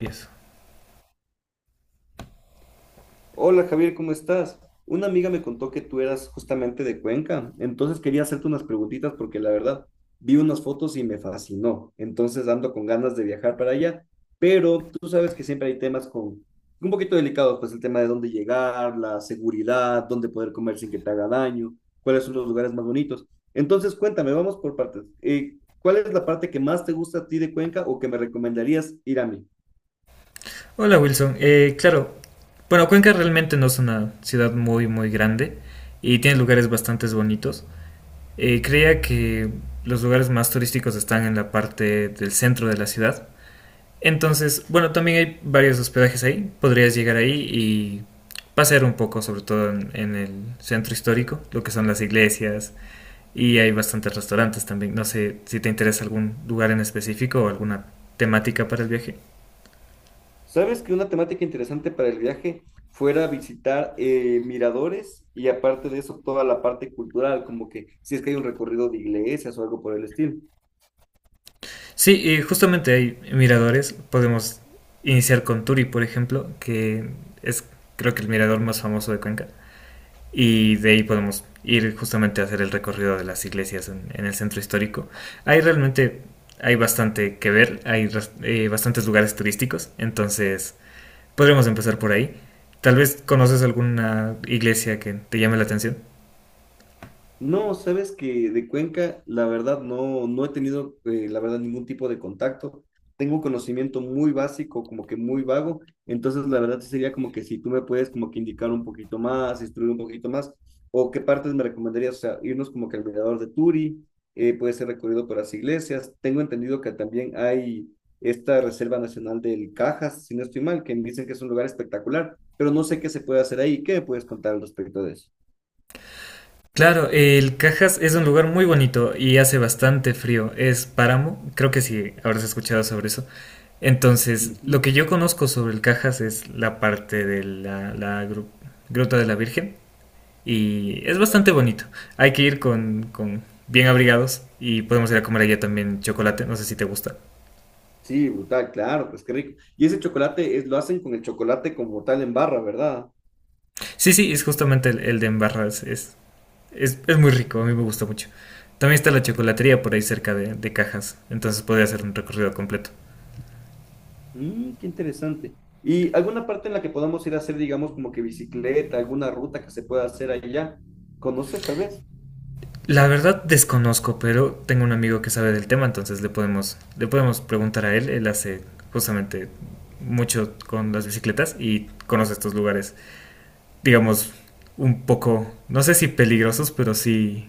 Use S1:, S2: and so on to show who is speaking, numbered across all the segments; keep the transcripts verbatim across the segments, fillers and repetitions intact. S1: Yes.
S2: Hola Javier, ¿cómo estás? Una amiga me contó que tú eras justamente de Cuenca, entonces quería hacerte unas preguntitas porque la verdad vi unas fotos y me fascinó, entonces ando con ganas de viajar para allá, pero tú sabes que siempre hay temas con un poquito delicados, pues el tema de dónde llegar, la seguridad, dónde poder comer sin que te haga daño, cuáles son los lugares más bonitos. Entonces cuéntame, vamos por partes. Eh, ¿cuál es la parte que más te gusta a ti de Cuenca o que me recomendarías ir a mí?
S1: Hola Wilson, Eh, claro, bueno, Cuenca realmente no es una ciudad muy muy grande y tiene lugares bastante bonitos. Eh, creía que los lugares más turísticos están en la parte del centro de la ciudad. Entonces, bueno, también hay varios hospedajes ahí, podrías llegar ahí y pasear un poco, sobre todo en, en el centro histórico, lo que son las iglesias, y hay bastantes restaurantes también. No sé si te interesa algún lugar en específico o alguna temática para el viaje.
S2: ¿Sabes que una temática interesante para el viaje fuera visitar eh, miradores y aparte de eso toda la parte cultural, como que si es que hay un recorrido de iglesias o algo por el estilo?
S1: Sí, y justamente hay miradores. Podemos iniciar con Turi, por ejemplo, que es, creo que el mirador más famoso de Cuenca. Y de ahí podemos ir justamente a hacer el recorrido de las iglesias en, en el centro histórico. Hay realmente, hay bastante que ver, hay ras- eh, bastantes lugares turísticos, entonces podremos empezar por ahí. Tal vez conoces alguna iglesia que te llame la atención.
S2: No, sabes que de Cuenca, la verdad, no, no he tenido, eh, la verdad, ningún tipo de contacto. Tengo un conocimiento muy básico, como que muy vago. Entonces, la verdad, sí sería como que si tú me puedes como que indicar un poquito más, instruir un poquito más, o qué partes me recomendarías, o sea, irnos como que al mirador de Turi, eh, puede ser recorrido por las iglesias. Tengo entendido que también hay esta Reserva Nacional del Cajas, si no estoy mal, que me dicen que es un lugar espectacular, pero no sé qué se puede hacer ahí. ¿Qué me puedes contar al respecto de eso?
S1: Claro, el Cajas es un lugar muy bonito y hace bastante frío. Es páramo, creo que sí, habrás escuchado sobre eso. Entonces, lo que yo conozco sobre el Cajas es la parte de la, la gru- Gruta de la Virgen, y es bastante
S2: Ujú.
S1: bonito. Hay que ir con, con bien abrigados, y podemos ir a comer allá también chocolate, no sé si te gusta.
S2: Sí, brutal, claro, pues qué rico. Y ese chocolate es, lo hacen con el chocolate como tal en barra, ¿verdad?
S1: Sí, sí, es justamente el, el de Embarras, es, es, es muy rico, a mí me gusta mucho. También está la chocolatería por ahí cerca de, de Cajas, entonces podría hacer un recorrido completo.
S2: Mm, qué interesante. ¿Y alguna parte en la que podamos ir a hacer, digamos, como que bicicleta, alguna ruta que se pueda hacer allá? ¿Conoces tal vez?
S1: La verdad desconozco, pero tengo un amigo que sabe del tema, entonces le podemos, le podemos preguntar a él. Él hace justamente mucho con las bicicletas y conoce estos lugares, digamos, un poco, no sé si peligrosos, pero sí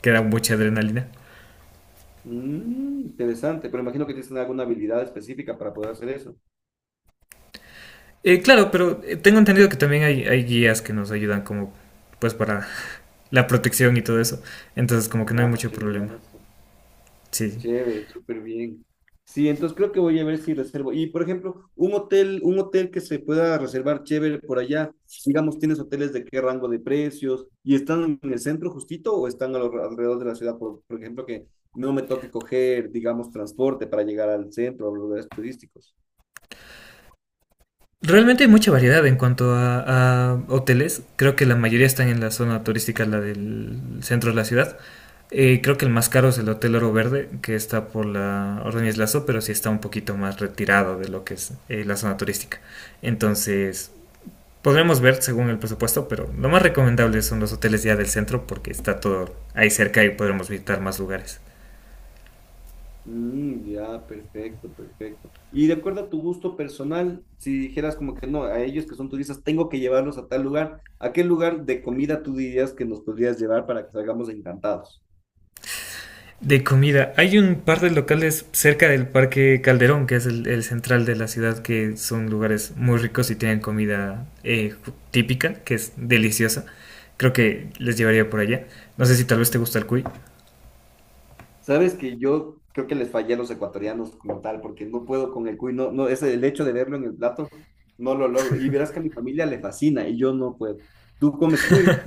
S1: que dan mucha adrenalina.
S2: Mm, interesante, pero imagino que tienes alguna habilidad específica para poder hacer eso.
S1: Eh, claro, pero eh, tengo entendido que también hay, hay guías que nos ayudan como, pues, para la protección y todo eso. Entonces como que no hay
S2: Ah,
S1: mucho problema.
S2: chéverazo.
S1: Sí.
S2: Chévere, súper bien. Sí, entonces creo que voy a ver si reservo. Y por ejemplo, un hotel, un hotel que se pueda reservar chévere por allá. Digamos, ¿tienes hoteles de qué rango de precios? ¿Y están en el centro justito o están a lo- alrededor de la ciudad? Por, por ejemplo, que no me toque coger, digamos, transporte para llegar al centro, a los lugares turísticos.
S1: Realmente hay mucha variedad en cuanto a, a hoteles. Creo que la mayoría están en la zona turística, la del centro de la ciudad. Eh, creo que el más caro es el Hotel Oro Verde, que está por la Ordóñez Lazo, pero sí está un poquito más retirado de lo que es eh, la zona turística. Entonces, podremos ver según el presupuesto, pero lo más recomendable son los hoteles ya del centro porque está todo ahí cerca y podremos visitar más lugares.
S2: Mm, ya, perfecto, perfecto. Y de acuerdo a tu gusto personal, si dijeras como que no, a ellos que son turistas, tengo que llevarlos a tal lugar, ¿a qué lugar de comida tú dirías que nos podrías llevar para que salgamos encantados?
S1: De comida. Hay un par de locales cerca del Parque Calderón, que es el, el central de la ciudad, que son lugares muy ricos y tienen comida eh, típica, que es deliciosa. Creo que les llevaría por allá. No sé si tal vez te gusta el cuy.
S2: Sabes que yo creo que les fallé a los ecuatorianos como tal, porque no puedo con el cuy, no, no, ese, el hecho de verlo en el plato, no lo logro. Y verás que a mi familia le fascina y yo no puedo. ¿Tú comes cuy?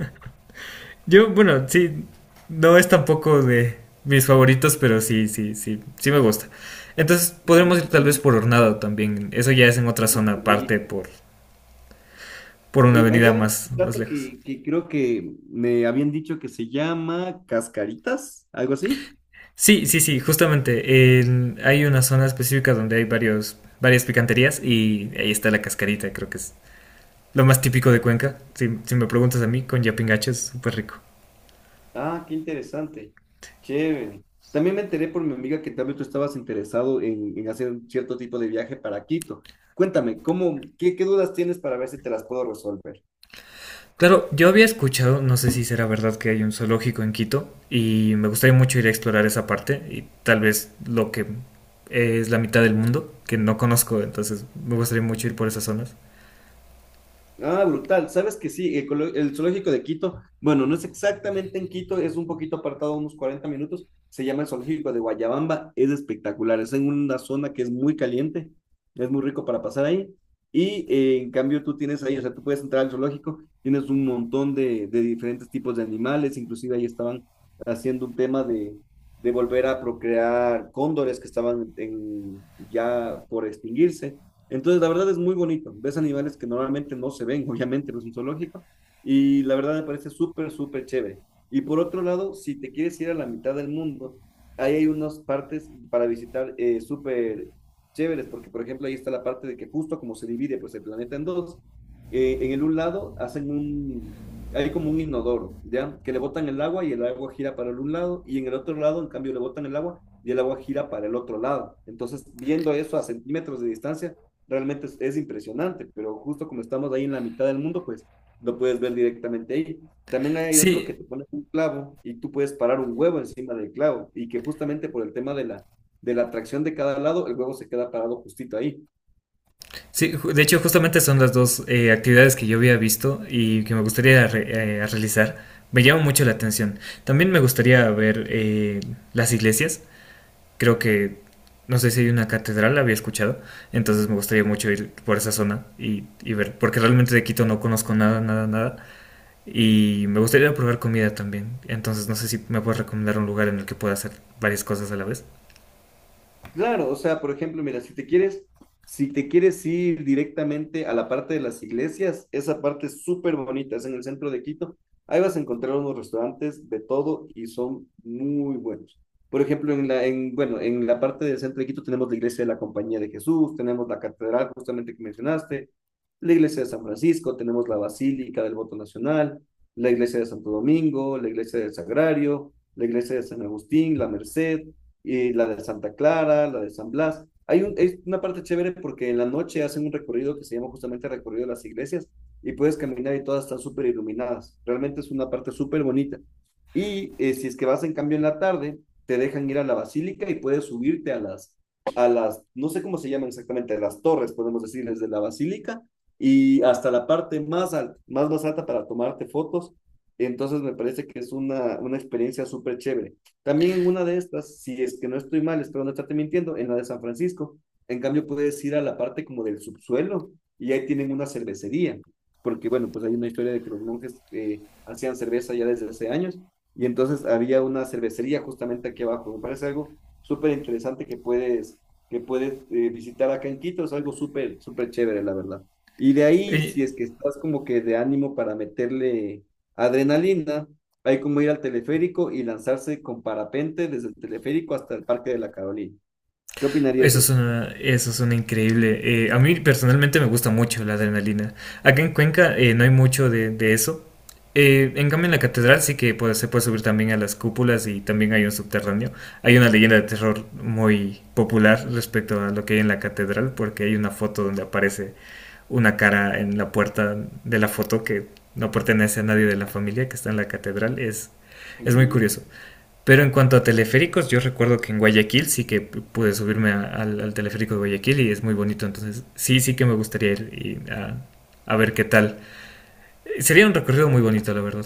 S1: Yo, bueno, sí, no es tampoco de mis favoritos, pero sí, sí, sí, sí me gusta. Entonces podremos ir tal vez
S2: Mm,
S1: por Hornado también. Eso ya es en otra
S2: uy,
S1: zona
S2: qué
S1: aparte,
S2: rico.
S1: por, por una
S2: Eh,
S1: avenida
S2: allá ven
S1: más,
S2: un
S1: más
S2: plato
S1: lejos.
S2: que, que creo que me habían dicho que se llama cascaritas, algo así.
S1: Sí, sí, sí, justamente. En- hay una zona específica donde hay varios, varias picanterías y ahí está la cascarita, creo que es lo más típico de Cuenca. Si, si me preguntas a mí, con yapingacho es súper rico.
S2: Ah, qué interesante. Chévere. También me enteré por mi amiga que también tú estabas interesado en, en hacer un cierto tipo de viaje para Quito. Cuéntame, ¿cómo, qué, qué dudas tienes para ver si te las puedo resolver?
S1: Claro, yo había escuchado, no sé si será verdad que hay un zoológico en Quito y me gustaría mucho ir a explorar esa parte y tal vez lo que es la mitad del mundo, que no conozco, entonces me gustaría mucho ir por esas zonas.
S2: Ah, brutal. ¿Sabes que sí? El, colo- el zoológico de Quito, bueno, no es exactamente en Quito, es un poquito apartado, unos cuarenta minutos. Se llama el zoológico de Guayabamba. Es espectacular. Es en una zona que es muy caliente. Es muy rico para pasar ahí. Y eh, en cambio tú tienes ahí, o sea, tú puedes entrar al zoológico, tienes un montón de, de diferentes tipos de animales. Inclusive ahí estaban haciendo un tema de, de volver a procrear cóndores que estaban en, ya por extinguirse. Entonces, la verdad es muy bonito. Ves animales que normalmente no se ven, obviamente, no es un zoológico. Y la verdad me parece súper, súper chévere. Y por otro lado, si te quieres ir a la mitad del mundo, ahí hay unas partes para visitar eh, súper chéveres, porque por ejemplo ahí está la parte de que justo como se divide pues el planeta en dos, eh, en el un lado hacen un, hay como un inodoro, ¿ya? Que le botan el agua y el agua gira para el un lado, y en el otro lado, en cambio, le botan el agua y el agua gira para el otro lado. Entonces, viendo eso a centímetros de distancia, realmente es, es, impresionante, pero justo como estamos ahí en la mitad del mundo, pues lo puedes ver directamente ahí. También hay otro que
S1: Sí.
S2: te pone un clavo y tú puedes parar un huevo encima del clavo y que justamente por el tema de la, de la atracción de cada lado, el huevo se queda parado justito ahí.
S1: Sí, ju- de hecho justamente son las dos eh, actividades que yo había visto y que me gustaría re- eh, realizar. Me llama mucho la atención. También me gustaría ver eh, las iglesias. Creo que, no sé si hay una catedral, la había escuchado. Entonces me gustaría mucho ir por esa zona y, y ver, porque realmente de Quito no conozco nada, nada, nada. Y me gustaría probar comida también. Entonces no sé si me puedes recomendar un lugar en el que pueda hacer varias cosas a la vez.
S2: Claro, o sea, por ejemplo, mira, si te quieres, si te quieres ir directamente a la parte de las iglesias, esa parte es súper bonita, es en el centro de Quito. Ahí vas a encontrar unos restaurantes de todo y son muy buenos. Por ejemplo, en la, en, bueno, en la parte del centro de Quito tenemos la iglesia de la Compañía de Jesús, tenemos la catedral justamente que mencionaste, la iglesia de San Francisco, tenemos la Basílica del Voto Nacional, la iglesia de Santo Domingo, la iglesia del Sagrario, la iglesia de San Agustín, la Merced y la de Santa Clara, la de San Blas. Hay un, es una parte chévere porque en la noche hacen un recorrido que se llama justamente recorrido de las iglesias y puedes caminar y todas están súper iluminadas. Realmente es una parte súper bonita. Y eh, si es que vas en cambio en la tarde, te dejan ir a la basílica y puedes subirte a las, a las, no sé cómo se llaman exactamente, las torres, podemos decir, desde la basílica y hasta la parte más, al más, más alta para tomarte fotos. Entonces me parece que es una, una experiencia súper chévere. También en una de estas, si es que no estoy mal, espero no estarte mintiendo, en la de San Francisco. En cambio, puedes ir a la parte como del subsuelo y ahí tienen una cervecería, porque bueno, pues hay una historia de que los monjes eh, hacían cerveza ya desde hace años y entonces había una cervecería justamente aquí abajo. Me parece algo súper interesante que puedes, que puedes eh, visitar acá en Quito, es algo súper, súper chévere, la verdad. Y de ahí,
S1: Y
S2: si es que estás como que de ánimo para meterle adrenalina, hay como ir al teleférico y lanzarse con parapente desde el teleférico hasta el Parque de la Carolina. ¿Qué opinarías
S1: eso
S2: de
S1: es
S2: eso?
S1: una, eso es una increíble. Eh, a mí personalmente me gusta mucho la adrenalina. Acá en Cuenca eh, no hay mucho de, de eso. Eh, en cambio, en la catedral sí que puede- se puede subir también a las cúpulas y también hay un subterráneo. Hay una leyenda de terror muy popular respecto a lo que hay en la catedral, porque hay una foto donde aparece una cara en la puerta de la foto que no pertenece a nadie de la familia que está en la catedral. Es,
S2: Qué
S1: es muy
S2: miedo.
S1: curioso. Pero en cuanto a teleféricos, yo recuerdo que en Guayaquil sí que pude subirme a- al, al teleférico de Guayaquil y es muy bonito, entonces sí, sí que me gustaría ir y a, a ver qué tal. Eh, Sería un recorrido muy bonito, la verdad.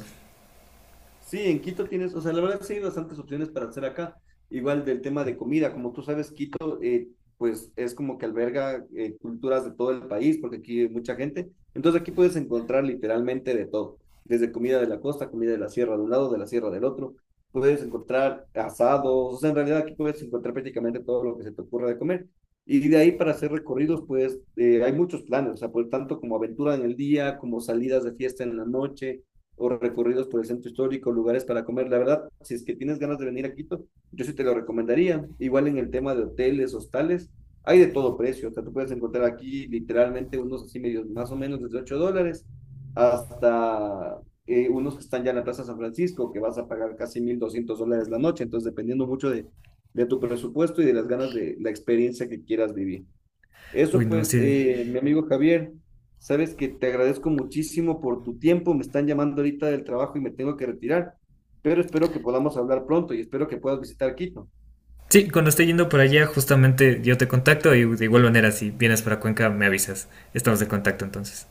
S2: Sí, en Quito tienes, o sea, la verdad sí hay bastantes opciones para hacer acá. Igual del tema de comida, como tú sabes, Quito, eh, pues es como que alberga eh, culturas de todo el país, porque aquí hay mucha gente. Entonces aquí puedes encontrar literalmente de todo, desde comida de la costa, comida de la sierra de un lado, de la sierra del otro. Puedes encontrar asados, o sea, en realidad aquí puedes encontrar prácticamente todo lo que se te ocurra de comer. Y de ahí para hacer recorridos, pues eh, hay muchos planes, o sea, por tanto como aventura en el día, como salidas de fiesta en la noche o recorridos por el centro histórico, lugares para comer. La verdad, si es que tienes ganas de venir a Quito, yo sí te lo recomendaría. Igual en el tema de hoteles, hostales, hay de todo precio. O sea, tú puedes encontrar aquí literalmente unos así medios, más o menos desde ocho dólares hasta eh, unos que están ya en la Plaza San Francisco, que vas a pagar casi mil doscientos dólares la noche. Entonces, dependiendo mucho de, de tu presupuesto y de las ganas de la experiencia que quieras vivir. Eso
S1: Uy, no,
S2: pues,
S1: sí.
S2: eh, mi amigo Javier, sabes que te agradezco muchísimo por tu tiempo. Me están llamando ahorita del trabajo y me tengo que retirar, pero espero que podamos hablar pronto y espero que puedas visitar Quito.
S1: Sí, cuando esté yendo por allá, justamente yo te contacto y de igual manera, si vienes para Cuenca, me avisas. Estamos en contacto entonces.